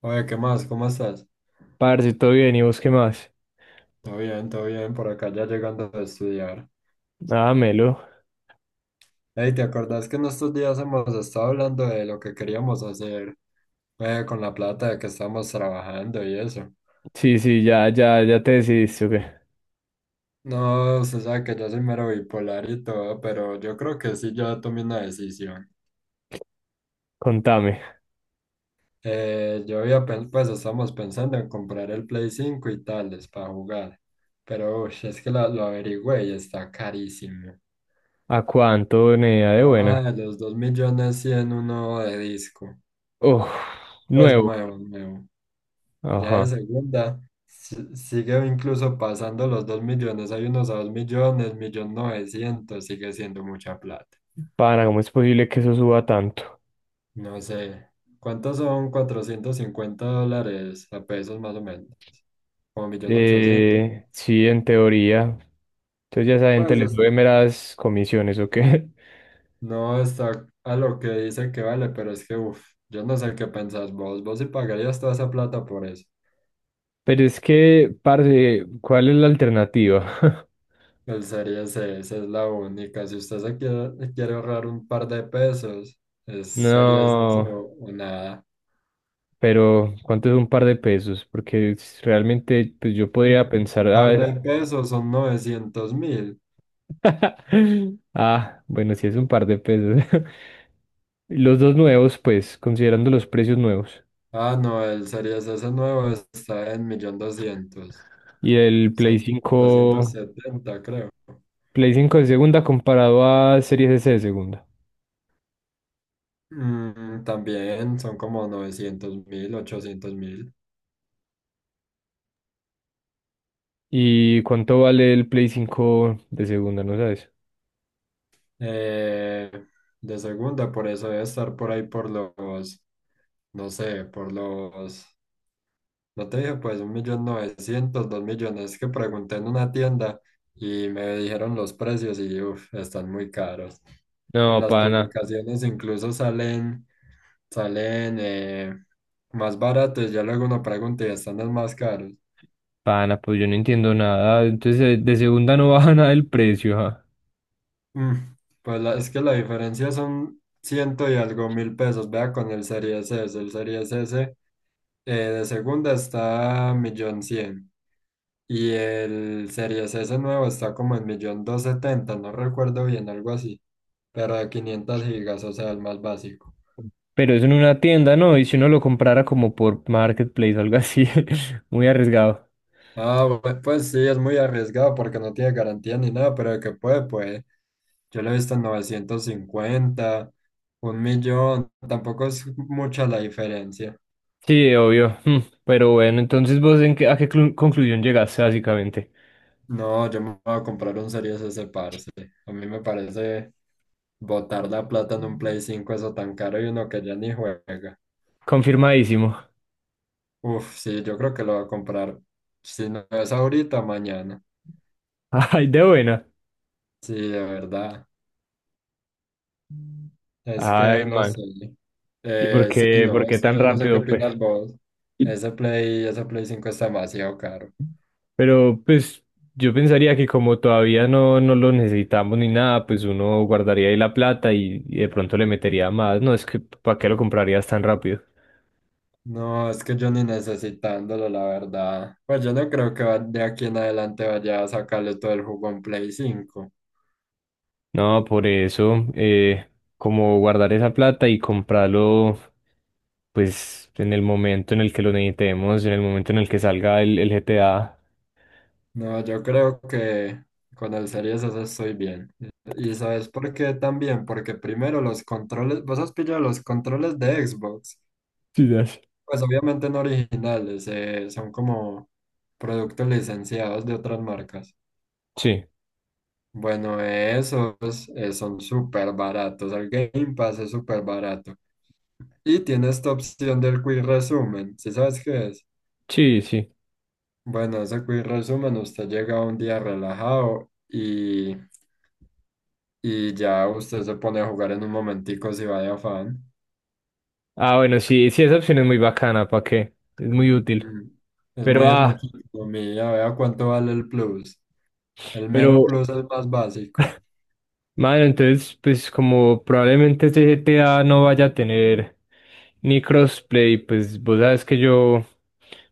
Oye, ¿qué más? ¿Cómo estás? Parce, todo bien, ¿y vos qué más? Todo bien, por acá ya llegando a estudiar. Ah, Melo. Ey, ¿te acordás que en estos días hemos estado hablando de lo que queríamos hacer con la plata de que estamos trabajando y eso? Sí, sí, ya, te decidiste, ¿o qué? No, se sabe que yo soy mero bipolar y todo, pero yo creo que sí, yo tomé una decisión. Contame, Pues estamos pensando en comprar el Play 5 y tales para jugar, pero uy, es que lo averigüé y está carísimo. ¿a cuánto venía de No buena? baja de los 2 millones cien, uno de disco. Oh, Pues nuevo. nuevo, nuevo. Ya de Ajá. segunda sigue incluso pasando los dos millones. Hay unos a dos millones, millón novecientos, sigue siendo mucha plata. Pana, ¿cómo es posible que eso suba tanto? No sé, ¿cuántos son 450 dólares a pesos más o menos? Como millón ochocientos. Sí, en teoría. Entonces ya esa gente Pues les sube está- meras comisiones, ¿o qué? no está a lo que dice que vale, pero es que, uff, yo no sé qué pensás vos. Vos sí pagarías toda esa plata por eso. Pero es que, parce, ¿cuál es la alternativa? Alzaría ese, esa es la única. Si usted quiere ahorrar un par de pesos, sería eso No, o nada. pero ¿cuánto es un par de pesos? Porque realmente pues yo podría pensar Un a par de ver. pesos son 900.000. Ah, bueno, sí es un par de pesos. Los dos nuevos, pues, considerando los precios nuevos. Ah, no, el Series S nuevo está en 1.200.000, Y el doscientos setenta creo. Play 5 de segunda comparado a Series S de segunda. Mm, también son como 900 mil, 800 mil. ¿Y cuánto vale el Play cinco de segunda? ¿No sabes? Eh, de segunda, por eso debe estar por ahí por los, no sé, por los No te dije, pues, un millón novecientos, dos millones. Es que pregunté en una tienda y me dijeron los precios y, uff, están muy caros. En No, las pana, publicaciones incluso salen más baratos. Ya luego uno pregunta y están los más caros. pana, pues yo no entiendo nada. Entonces, de segunda no baja nada el precio, ajá. Mm, pues es que la diferencia son ciento y algo mil pesos. Vea con el Series S. El Series S de segunda está millón cien. Y el Series S nuevo está como en millón dos setenta, no recuerdo bien, algo así. Pero de 500 gigas, o sea, el más básico. Pero eso en una tienda, ¿no? Y si uno lo comprara como por Marketplace o algo así, muy arriesgado. Ah, pues sí, es muy arriesgado porque no tiene garantía ni nada, pero de que puede, puede. Yo lo he visto en novecientos cincuenta, un millón, tampoco es mucha la diferencia. Sí, obvio. Mm. Pero bueno, entonces vos en qué- a qué conclusión llegaste básicamente. No, yo me voy a comprar un Series S, parce. A mí me parece botar la plata en un Play 5 eso tan caro y uno que ya ni juega. Confirmadísimo. Uf, sí, yo creo que lo voy a comprar. Si no es ahorita, mañana. Ay, de buena. Sí, de verdad. Es que Ay, no man. sé. ¿Y por Sí, qué, no, por qué es que tan yo no sé qué rápido, pues? opinas vos. Ese Play 5 está demasiado caro. Pero pues yo pensaría que como todavía no lo necesitamos ni nada, pues uno guardaría ahí la plata y de pronto le metería más. No, es que ¿para qué lo comprarías tan rápido? No, es que yo ni necesitándolo, la verdad. Pues yo no creo que de aquí en adelante vaya a sacarle todo el jugo en Play cinco. No, por eso, como guardar esa plata y comprarlo, pues en el momento en el que lo necesitemos, en el momento en el que salga el GTA. No, yo creo que con el Series S estoy bien. ¿Y sabes por qué también? Porque primero los controles, vos has pillado los controles de Xbox. Sí, das. Pues obviamente no originales, son como productos licenciados de otras marcas. Sí, Bueno, esos son súper baratos. El Game Pass es súper barato. Y tiene esta opción del Quick Resumen. ¿Sí sabes qué es? sí, sí. Bueno, ese Quick Resumen, usted llega un día relajado y ya usted se pone a jugar en un momentico si va de afán. Ah, bueno, sí, sí, esa opción es muy bacana, ¿para qué? Es muy útil. Mm. Pero, Es ah, mucha economía, vea cuánto vale el plus. El mero pero, plus es más básico. Mano, entonces, pues como probablemente este GTA no vaya a tener ni crossplay, pues vos sabes que yo,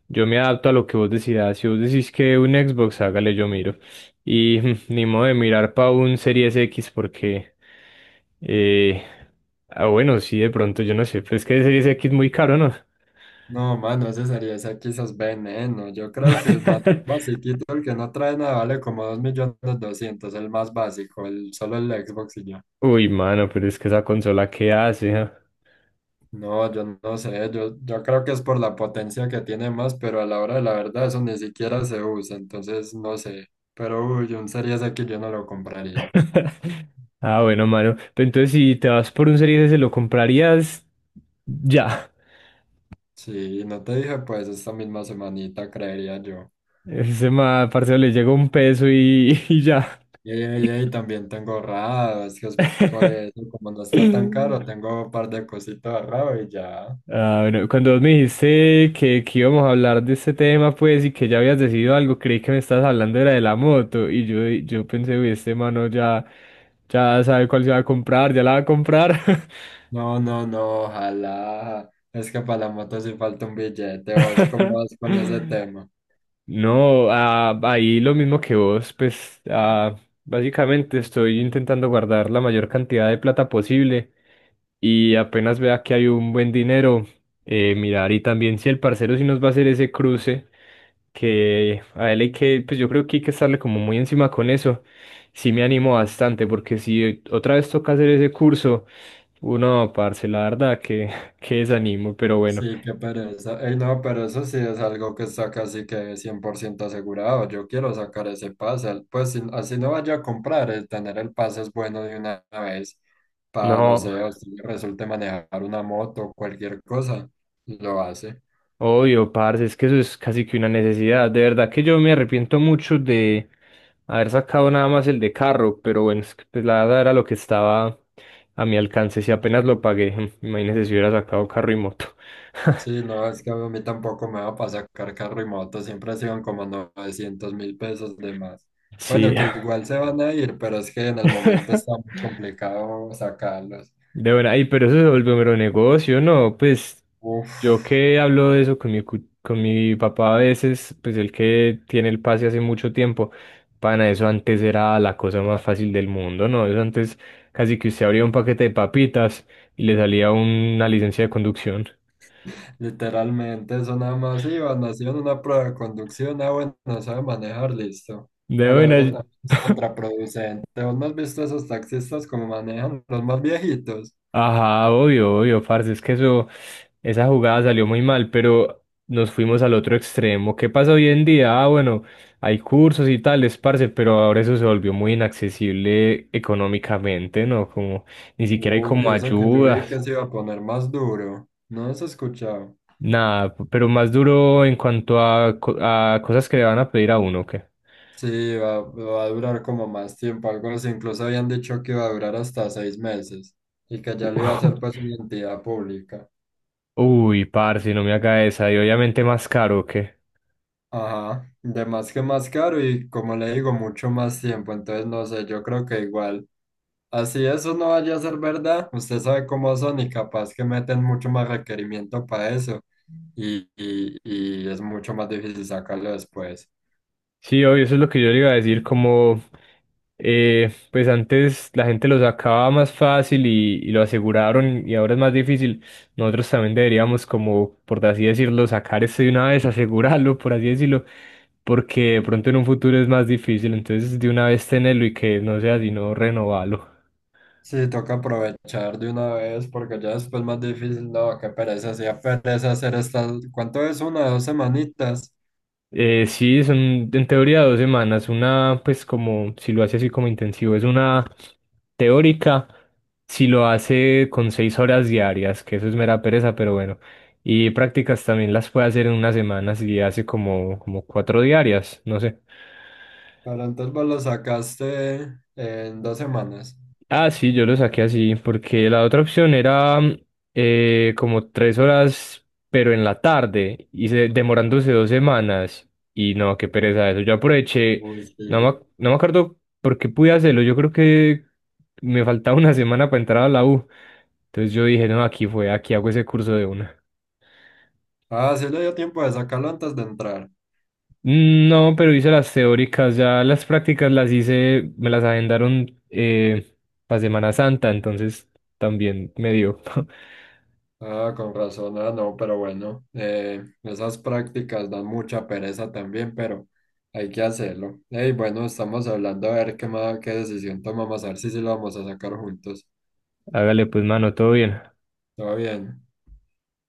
yo me adapto a lo que vos decidas. Si vos decís que un Xbox, hágale, yo miro. Y ni modo de mirar para un Series X porque, eh, ah, bueno, sí, de pronto, yo no sé, pero es que el Series X es muy caro, ¿no? No, mano, ese sería, ese quizás veneno. Yo creo que el más basiquito, el que no trae nada, vale como dos millones doscientos el más básico, solo el Xbox y ya. Uy, mano, pero es que esa consola, ¿qué hace? ¿ah? No, yo no sé, yo creo que es por la potencia que tiene más, pero a la hora de la verdad eso ni siquiera se usa, entonces no sé. Pero uy, un Series X yo no lo compraría. Ah, bueno, mano. Pero entonces, si te vas por un serie ese, lo comprarías ya. Sí, no te dije, pues esta misma semanita creería yo. Ese ma, parcero, le llega un peso y, y ya. Y también tengo ahorrado, es que es por eso, como no está tan caro, tengo un par de cositas ahorrado y ya. Ah, bueno, cuando vos me dijiste que íbamos a hablar de este tema, pues, y que ya habías decidido algo, creí que me estabas hablando era de la moto. Y yo pensé, uy, este mano ya, ya sabe cuál se va a comprar, ya la va a comprar. No, no, no, ojalá. Es que para la moto sí falta un billete, vos cómo vas con ese tema. No, ah, ahí lo mismo que vos, pues ah, básicamente estoy intentando guardar la mayor cantidad de plata posible y apenas vea que hay un buen dinero, mirar y también si el parcero sí nos va a hacer ese cruce, que a él hay que, pues yo creo que hay que estarle como muy encima con eso, sí me animo bastante porque si otra vez toca hacer ese curso, uno, parce, la verdad que, que desanimo, pero bueno. Sí, qué pereza. Ey, no, pero eso sí es algo que está casi que 100% asegurado. Yo quiero sacar ese pase. Pues así no vaya a comprar, el tener el pase es bueno de una vez para, no No. sé, o si resulte manejar una moto o cualquier cosa, lo hace. Obvio, parce, es que eso es casi que una necesidad. De verdad que yo me arrepiento mucho de haber sacado nada más el de carro, pero bueno, es que, pues, la verdad era lo que estaba a mi alcance. Si apenas lo pagué, imagínese si hubiera sacado carro y moto. Sí, no, es que a mí tampoco me va para sacar carro y moto. Siempre se iban como 900 mil pesos de más. Sí. Bueno, que igual se van a ir, pero es que en el momento está muy complicado sacarlos. De verdad, ay, pero eso se volvió mero negocio, ¿no? Pues Uf. yo que hablo de eso con con mi papá a veces, pues el que tiene el pase hace mucho tiempo, pana, eso antes era la cosa más fácil del mundo, ¿no? Eso antes casi que usted abría un paquete de papitas y le salía una licencia de conducción. Literalmente, eso nada más iba, nació en una prueba de conducción, ah, bueno, no sabe manejar, listo. De Pero buena. eso también es contraproducente. ¿Vos no has visto esos taxistas como manejan los más viejitos? Ajá, obvio, obvio, parce, es que eso, esa jugada salió muy mal, pero nos fuimos al otro extremo. ¿Qué pasa hoy en día? Ah, bueno, hay cursos y tales, parce, pero ahora eso se volvió muy inaccesible económicamente, ¿no? Como ni siquiera hay Uf, y como eso que yo vi que ayudas, se iba a poner más duro. ¿No has escuchado? nada, pero más duro en cuanto a, a cosas que le van a pedir a uno, ¿o qué? Sí, va a durar como más tiempo, algo así. Incluso habían dicho que iba a durar hasta 6 meses y que ya lo iba a hacer pues una entidad pública. Uy, parce, no me haga esa, y obviamente más caro, ¿o qué? Ajá, de más que más caro y como le digo, mucho más tiempo. Entonces, no sé, yo creo que igual. Así eso no vaya a ser verdad. Usted sabe cómo son y capaz que meten mucho más requerimiento para eso y es mucho más difícil sacarlo después. Sí, obvio, eso es lo que yo le iba a decir, como pues antes la gente lo sacaba más fácil y lo aseguraron y ahora es más difícil. Nosotros también deberíamos como, por así decirlo, sacar esto de una vez, asegurarlo, por así decirlo, porque de pronto en un futuro es más difícil, entonces de una vez tenerlo y que no sea sino renovarlo. Sí, toca aprovechar de una vez porque ya después más difícil. No, qué pereza, hacía pereza hacer estas. ¿Cuánto es una? Dos semanitas. Sí, son en teoría 2 semanas. Una, pues como si lo hace así como intensivo, es una teórica. Si lo hace con 6 horas diarias, que eso es mera pereza, pero bueno. Y prácticas también las puede hacer en una semana si hace como, como cuatro diarias, no sé. Pero entonces vos lo sacaste en 2 semanas. Ah, sí, yo lo saqué así, porque la otra opción era mm, como 3 horas, pero en la tarde, y demorándose 2 semanas. Y no, qué pereza eso. Yo aproveché, Uy, sí. No me acuerdo por qué pude hacerlo. Yo creo que me faltaba una semana para entrar a la U. Entonces yo dije, no, aquí hago ese curso de una. Ah, sí le dio tiempo de sacarlo antes de entrar. No, pero hice las teóricas, ya las prácticas las hice, me las agendaron para Semana Santa, entonces también me dio. Ah, con razón. Ah, no, pero bueno, esas prácticas dan mucha pereza también, pero hay que hacerlo. Hey, bueno, estamos hablando a ver qué decisión tomamos, a ver si sí lo vamos a sacar juntos. Hágale pues, mano, todo bien. Todo bien.